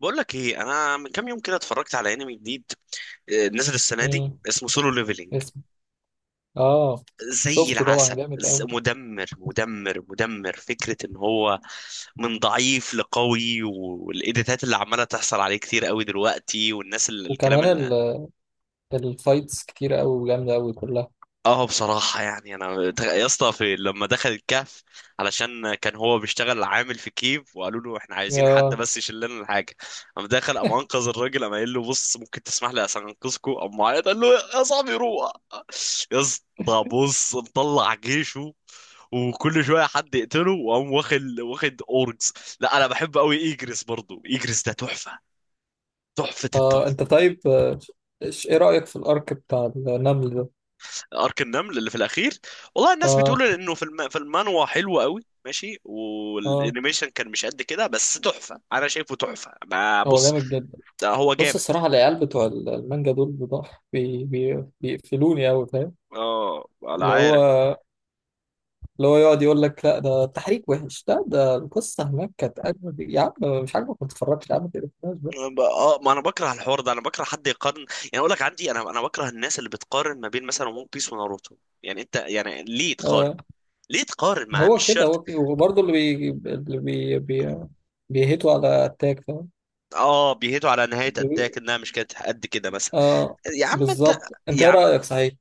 بقول لك ايه؟ انا من كام يوم كده اتفرجت على انمي جديد. نزل السنه دي مم. اسمه سولو ليفلينج، اسم. اه، زي شفته طبعا العسل. جامد قوي. مدمر مدمر مدمر فكره ان هو من ضعيف لقوي، والايديتات اللي عماله تحصل عليه كتير قوي دلوقتي، والناس اللي الكلام. وكمان الفايتس كتير قوي وجامده قوي كلها. اه بصراحة يعني يا اسطى، في لما دخل الكهف علشان كان هو بيشتغل عامل في كيف، وقالوا له احنا عايزين حد اه، بس يشيل لنا الحاجة، قام دخل، قام انقذ الراجل، قام قايل له بص ممكن تسمح لي عشان انقذكوا، قام معيط قال له يا صاحبي روح. يا اسطى بص مطلع جيشه، وكل شوية حد يقتله، وقام واخد اورجز. لا انا بحب قوي ايجريس، برضو ايجريس ده تحفة، تحفة اه، التحفة. انت طيب. ايه رايك في الارك بتاع النمل ده؟ ارك النمل اللي في الاخير، والله الناس بتقول اه، انه في المانوا حلو قوي، ماشي، اه، والانيميشن كان مش قد كده بس تحفه، انا شايفه تحفه. ما هو بص، جامد جدا. ده هو بص جامد. الصراحه، العيال بتوع المانجا دول بض- بي بي بيقفلوني قوي، فاهم؟ اه انا اللي هو عارف. اللي هو يقعد يقول لك لا ده التحريك وحش، لا ده القصه هناك كانت اجمد، يا عم مش عاجبك ما تتفرجش، يا عم ما تقرفناش بقى. اه، ما انا بكره الحوار ده، انا بكره حد يقارن. يعني اقول لك عندي، انا بكره الناس اللي بتقارن ما بين مثلا ون بيس وناروتو. يعني انت يعني ليه تقارن؟ آه. ليه تقارن؟ مع هو مش كده شرط. هو كده. وبرضه اللي بي اللي بي بي بيهيتوا على التاج، فاهم؟ اه بيهيتوا على نهايه بيقولوا- اتاك انها مش كانت قد كده مثلا. اه، يا عم انت، بالظبط. انت يا ايه عم. رأيك، صحيح؟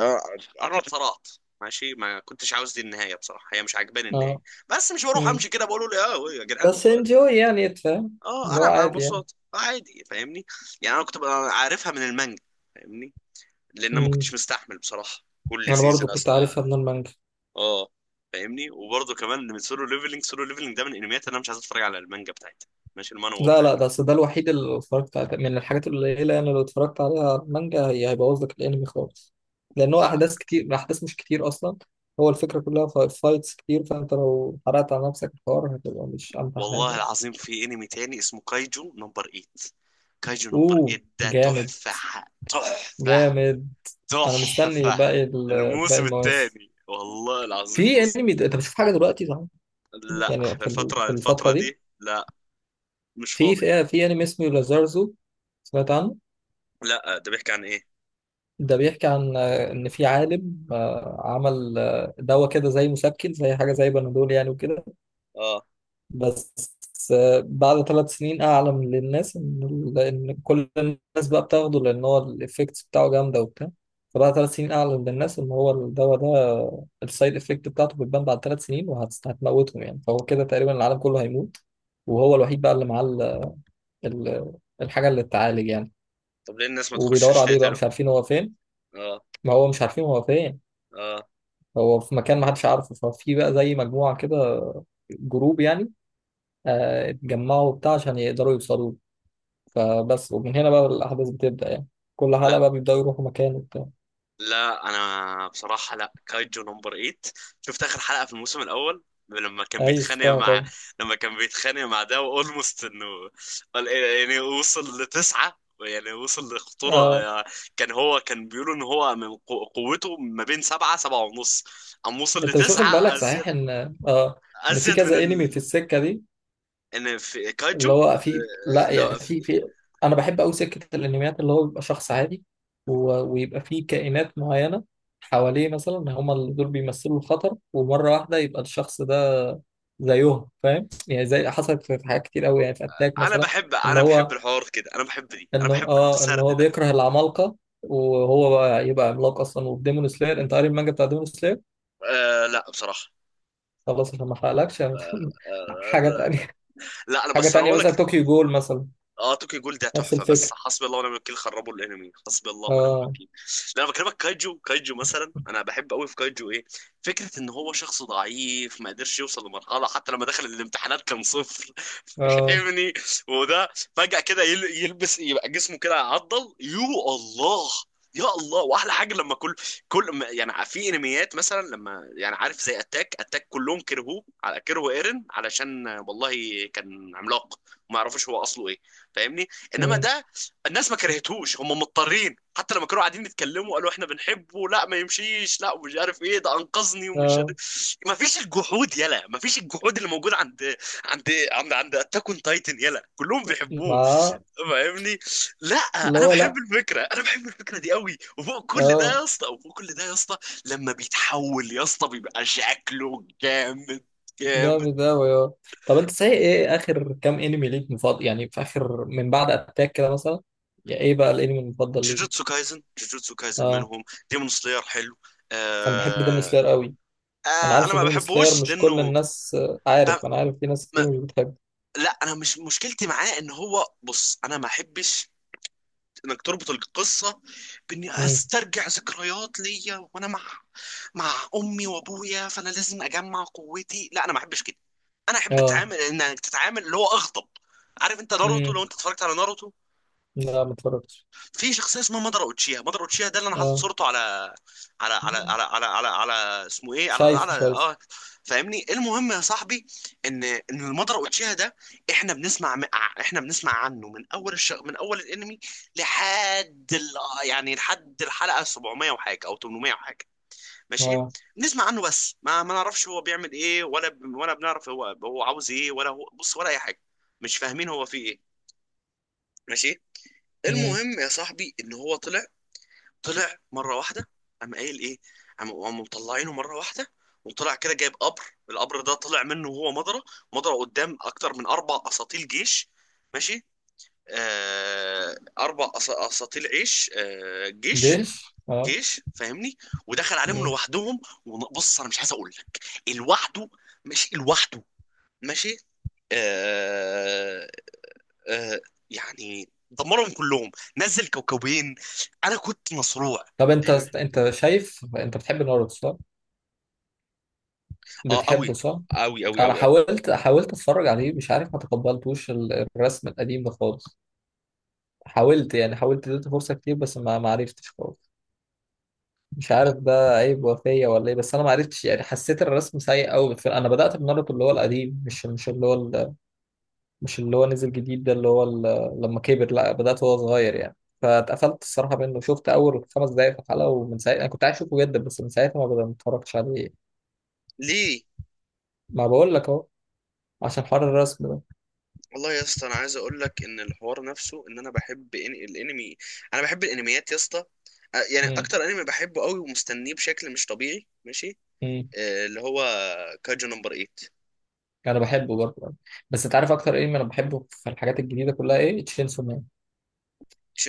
آه، قرب صلات، ماشي ما كنتش عاوز دي النهايه بصراحه، هي مش عاجباني النهايه، اه. بس مش بروح مم. امشي كده بقول له اه يا جدعان بس والله. انجوي، يعني تفهم. اه اللي هو انا عادي يعني. مبسوط، عادي فاهمني. يعني انا كنت ببقى عارفها من المانجا، فاهمني. لان أنا ما مم. كنتش مستحمل بصراحه كل انا برضه سيزون كنت اصلا. عارفها من المانجا. اه فاهمني، وبرضه كمان من سولو ليفلنج. سولو ليفلنج ده من الانميات اللي انا مش عايز اتفرج على المانجا بتاعتها، ماشي المانوا لا، لا، بتاعتها. ده أصل ده الوحيد اللي اتفرجت عليه من الحاجات القليلة يعني، اللي اتفرجت عليها على المانجا هي هيبوظ لك الانمي خالص. لان هو آه. احداث كتير، احداث مش كتير اصلا. هو الفكرة كلها فايتس كتير، فانت لو حرقت على نفسك الحوار هتبقى مش امتع والله حاجة. العظيم في انمي تاني اسمه كايجو نمبر 8. كايجو نمبر اوه، 8 ده جامد، تحفه تحفه جامد. انا مستني تحفة. باقي باقي الموسم المواسم. الثاني والله العظيم في بص. انمي انت بتشوف حاجه دلوقتي، صح؟ لا يعني احنا في الفترة، في الفتره الفترة دي دي لا، مش في فاضي. في في انمي اسمه لازارزو، سمعت عنه؟ لا ده بيحكي عن ايه؟ ده بيحكي عن ان في عالم عمل دواء كده زي مسكن، زي حاجه زي بنادول يعني وكده. اه، بس بعد 3 سنين اعلم للناس ان ان كل الناس بقى بتاخده، لان هو الايفكتس بتاعه جامده وبتاع. فبعد 3 سنين اعلم للناس ان هو الدواء ده السايد افكت بتاعته بتبان بعد 3 سنين وهتموتهم يعني. فهو كده تقريبا العالم كله هيموت، وهو الوحيد بقى اللي معاه ال- الحاجه اللي تتعالج يعني. طب ليه الناس ما تخشش وبيدوروا عليه بقى، تقتله؟ مش عارفين هو فين. اه ما هو مش عارفين هو فين. اه. هو في مكان ما حدش عارفه. ففي بقى زي مجموعه كده، جروب يعني. اتجمعوا وبتاع عشان يقدروا يوصلوا له. فبس، ومن هنا بقى الأحداث بتبدأ يعني. كل حلقة لا بقى بيبدأوا يروحوا مكان وبتاع. لا انا بصراحه، لا كايجو نمبر 8، شفت اخر حلقه في الموسم الاول لما كان أي، بيتخانق شفتها مع، طبعا. لما كان بيتخانق مع ده اولموست انه يعني وصل لتسعة، يعني وصل لخطورة، آه. يعني كان هو كان بيقولوا ان هو من قوته ما بين 7، 7.5، قام وصل أنت مش واخد بالك، لتسعة ازيد، صحيح؟ آه إن في ازيد من كذا أنمي في ال، السكة دي. ان في كايجو. اللي هو في لا لو يعني في. أنا بحب أوي سكة الأنميات اللي هو بيبقى شخص عادي ويبقى فيه كائنات معينة حواليه، مثلا هما اللي دول بيمثلوا الخطر، ومرة واحدة يبقى الشخص ده زيهم، فاهم يعني؟ زي حصلت في حاجات كتير قوي يعني، في اتاك انا مثلا. بحب، ان انا بحب هو الحوار كده، انا بحب دي، انا بحب ان السرد هو ده. بيكره العمالقه، وهو بقى يبقى عملاق اصلا. والديمون سلاير، انت قاري المانجا بتاع ديمون سلاير؟ آه لا بصراحة. خلاص عشان ما احرقلكش يعني حاجه آه، تانية. لا انا حاجه بس انا تانية اقول مثلا لك طوكيو جول مثلا. اه، توكي جول ده نفس تحفه بس الفكره. حسبي الله ونعم الوكيل، خربوا الانمي حسبي الله ونعم اه. الوكيل. لا انا بكلمك كايجو، كايجو مثلا، انا بحب قوي في كايجو ايه، فكره ان هو شخص ضعيف ما قدرش يوصل لمرحله، حتى لما دخل الامتحانات كان صفر اه. فاهمني. وده فجاه كده يلبس يبقى جسمه كده عضل. يو الله، يا الله. واحلى حاجه لما كل، يعني في انميات مثلا لما، يعني عارف زي اتاك، اتاك كلهم كرهوه، على كرهوا ايرن علشان والله كان عملاق، ما يعرفوش هو اصله ايه، فاهمني. انما أمم، ده الناس ما كرهتهوش، هم مضطرين، حتى لما كانوا قاعدين يتكلموا قالوا احنا بنحبه، لا ما يمشيش، لا ومش عارف ايه ده انقذني ومش عارف ايه. اه. ما فيش الجحود يلا، ما فيش الجحود اللي موجود عند عند اتاك اون تايتن يلا، كلهم بيحبوه. مع. فاهمني، لا اللي انا هو، بحب لا. الفكره، انا بحب الفكره دي قوي، وفوق كل ده اه، يا اسطى، وفوق كل ده يا اسطى لما بيتحول يا اسطى بيبقى شكله جامد، جامد. جامد قوي، اه. طب انت، صحيح ايه اخر كام انمي ليك مفضل، يعني في اخر من بعد اتاك كده مثلا؟ يعني ايه بقى الانمي المفضل ليك؟ جوجوتسو كايزن، جوجوتسو كايزن اه، منهم. ديمون سلاير حلو. انا بحب ديمون آه... سلاير قوي. انا انا عارف ان ما ديمون سلاير بحبوش مش كل لانه، الناس، ب... عارف، انا عارف في ناس ما... كتير مش بتحب. لا انا مش مشكلتي معاه ان هو، بص انا ما احبش انك تربط القصه باني امم. استرجع ذكريات ليا وانا مع، مع امي وابويا، فانا لازم اجمع قوتي. لا انا ما احبش كده. انا احب اه. اتعامل، انك تتعامل اللي هو اغضب. عارف انت ناروتو، لو امم. انت اتفرجت على ناروتو، لا، ما اتفرجتش. في شخصيه اسمها مادارا اوتشيها، مادارا اوتشيها ده اللي انا حاطط اه. صورته على، على اسمه ايه على شايف، على شايف. اه فاهمني، المهم يا صاحبي ان المادارا اوتشيها ده، احنا بنسمع عنه من من اول الانمي لحد يعني لحد الحلقه 700 وحاجه او 800 وحاجه، ماشي. اه. بنسمع عنه بس ما نعرفش هو بيعمل ايه، ولا بنعرف هو عاوز ايه، ولا هو بص، ولا اي حاجه، مش فاهمين هو فيه ايه، ماشي. امم. المهم يا صاحبي ان هو طلع مره واحده، قام قايل ايه، قام قاموا مطلعينه مره واحده، وطلع كده جايب قبر. القبر ده طلع منه وهو مضرة، مضرة قدام اكتر من 4 اساطيل جيش، ماشي. آه، اربع اساطيل عيش جيش، جيش، اه. جيش فاهمني. ودخل عليهم امم. لوحدهم. وبص انا مش عايز اقول لك، لوحده، ماشي لوحده، ماشي. آه آه يعني دمرهم كلهم، نزل كوكبين، انا كنت مصروع. طب انت. انت شايف، انت بتحب ناروتو صح؟ اه قوي، بتحبه صح؟ قوي قوي انا قوي قوي حاولت، حاولت اتفرج عليه، مش عارف ما تقبلتوش الرسم القديم ده خالص. حاولت يعني، حاولت اديته فرصة كتير، بس ما عرفتش خالص. مش وال- عارف ده عيب وفية ولا ايه، بس انا ما عرفتش يعني، حسيت الرسم سيء قوي. انا بدأت بناروتو اللي هو القديم، مش اللي هو مش اللي هو نزل جديد ده، اللي هو لما كبر، لا بدأت وهو صغير يعني. فاتقفلت الصراحة منه. شفت أول 5 دقايق في الحلقة، ومن ساعتها أنا كنت عايز أشوفه جدا، بس من ساعتها ما بدأت، ما اتفرجتش عليه. ليه. ما بقول لك أهو، عشان حوار الرسم ده. والله يا اسطى انا عايز اقول لك ان الحوار نفسه، ان انا بحب الانمي. انا بحب الانميات يا اسطى. يعني امم اكتر انمي بحبه قوي ومستنيه بشكل مش طبيعي ماشي، امم اللي هو كاجو نمبر 8. أنا بحبه برضه. بس أنت عارف أكتر إيه أنا بحبه في الحاجات الجديدة كلها، إيه؟ تشينسو مان.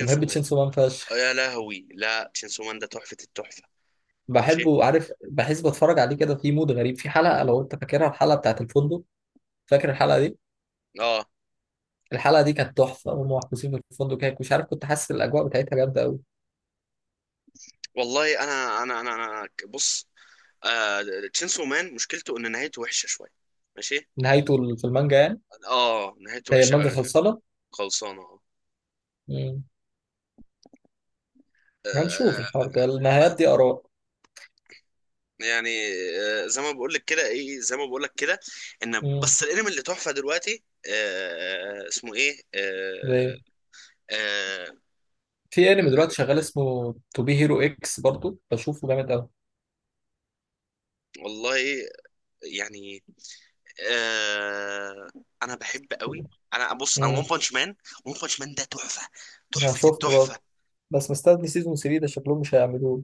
أنا بحب مان، تشينسو مان فشخ. يا لهوي، لا شينسو مان ده تحفة التحفة. ماشي بحبه، عارف، بحس بتفرج عليه كده في مود غريب، في حلقة لو انت فاكرها، الحلقة بتاعت الفندق. فاكر الحلقة دي؟ اه الحلقة دي كانت تحفة، هم محبوسين في الفندق هيك مش عارف، كنت حاسس الأجواء بتاعتها جامدة أوي. والله بص، آه تشينسو مان مشكلته ان نهايته وحشه شويه، ماشي. نهايته في المانجا يعني؟ اه نهايته هي وحشه المانجا قوي. خلصانة؟ خلصانه اه. مم. هنشوف آه، الحوار ده، النهايات آه، دي آراء. يعني، زي ما بقول لك كده ايه، زي ما بقول لك كده، ان مم. بس الانمي اللي تحفه دلوقتي، اسمه ايه. زي- آه في انمي دلوقتي شغال اسمه تو بي هيرو اكس، برضه بشوفه جامد أوي. والله يعني، آه انا بحب قوي. انا بص، انا ون امم. بانش مان، ون بانش مان ده تحفه، انا تحفه شفته التحفه. برضه، بس مستني سيزون 3، ده شكلهم مش هيعملوه.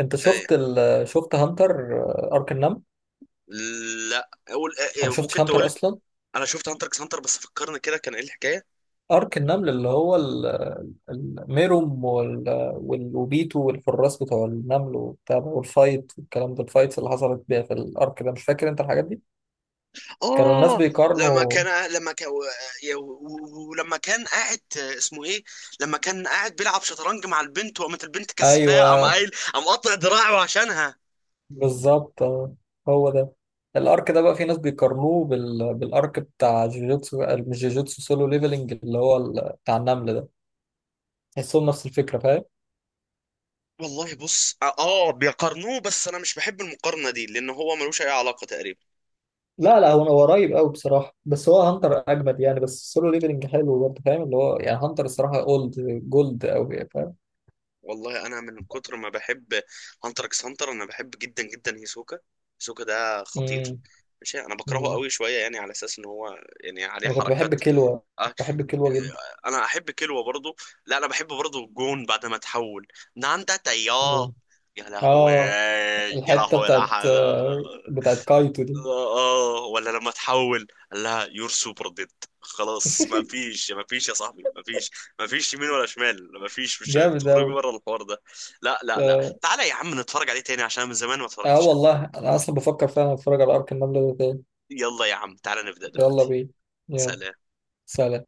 انت ايه؟ شفت شفت هانتر؟ ارك النمل. لا اقول انت ما شفتش ممكن هانتر تقول. اصلا؟ انا شفت هانتر اكس هانتر بس فكرني كده، كان ايه الحكايه؟ ارك النمل اللي هو الميروم وبيتو والحراس بتوع النمل وبتاع ده، والفايت والكلام ده، الفايتس اللي حصلت بيها في الارك ده، مش فاكر انت الحاجات دي؟ كانوا الناس اه لما بيقارنوا. كان، لما كان، ولما كان قاعد اسمه ايه، لما كان قاعد بيلعب شطرنج مع البنت وقامت البنت كسفاه، قام ايوه، قايل، قام قطع دراعه عشانها. بالظبط. هو ده. الارك ده بقى في ناس بيقارنوه بالارك بتاع جوجوتسو، مش جوجوتسو، سولو ليفلنج اللي هو بتاع النمل ده. تحسهم نفس الفكره، فاهم؟ والله بص اه، بيقارنوه بس انا مش بحب المقارنه دي، لان هو ملوش اي علاقه تقريبا. لا، لا، هو قريب قوي بصراحه، بس هو هانتر اجمد يعني، بس السولو ليفلنج حلو برضه، فاهم؟ اللي هو يعني هانتر الصراحه اولد، جولد قوي، فاهم؟ والله انا من كتر ما بحب هانتر اكس هانتر، انا بحب جدا جدا هيسوكا، هيسوكا ده خطير، امم ماشي. انا بكرهه أمم. قوي شويه يعني على اساس ان هو، يعني عليه انا كنت بحب حركات. كلوة، بحب كلوة جدا. انا احب كلوة برضو. لا انا بحب برضو الجون بعد ما تحول، ناندا تياه، أمم. يا لهوي. اه، يا الحته لهوي لا بتاعت حول. بتاعت كايتو دي. اه ولا لما تحول قال لها يور سوبر ديد، خلاص ما فيش، ما فيش يا صاحبي، ما فيش، ما فيش يمين ولا شمال، ما فيش مش جامد تخرجوا قوي، بره الحوار ده. لا لا لا اه. تعالى يا عم نتفرج عليه تاني عشان من زمان ما اتفرجتش عليه. والله انا اصلا بفكر فعلا اتفرج على ارك النمله ده تاني. يلا يا عم تعالى نبدأ يلا دلوقتي. بينا. يلا. سلام. سلام.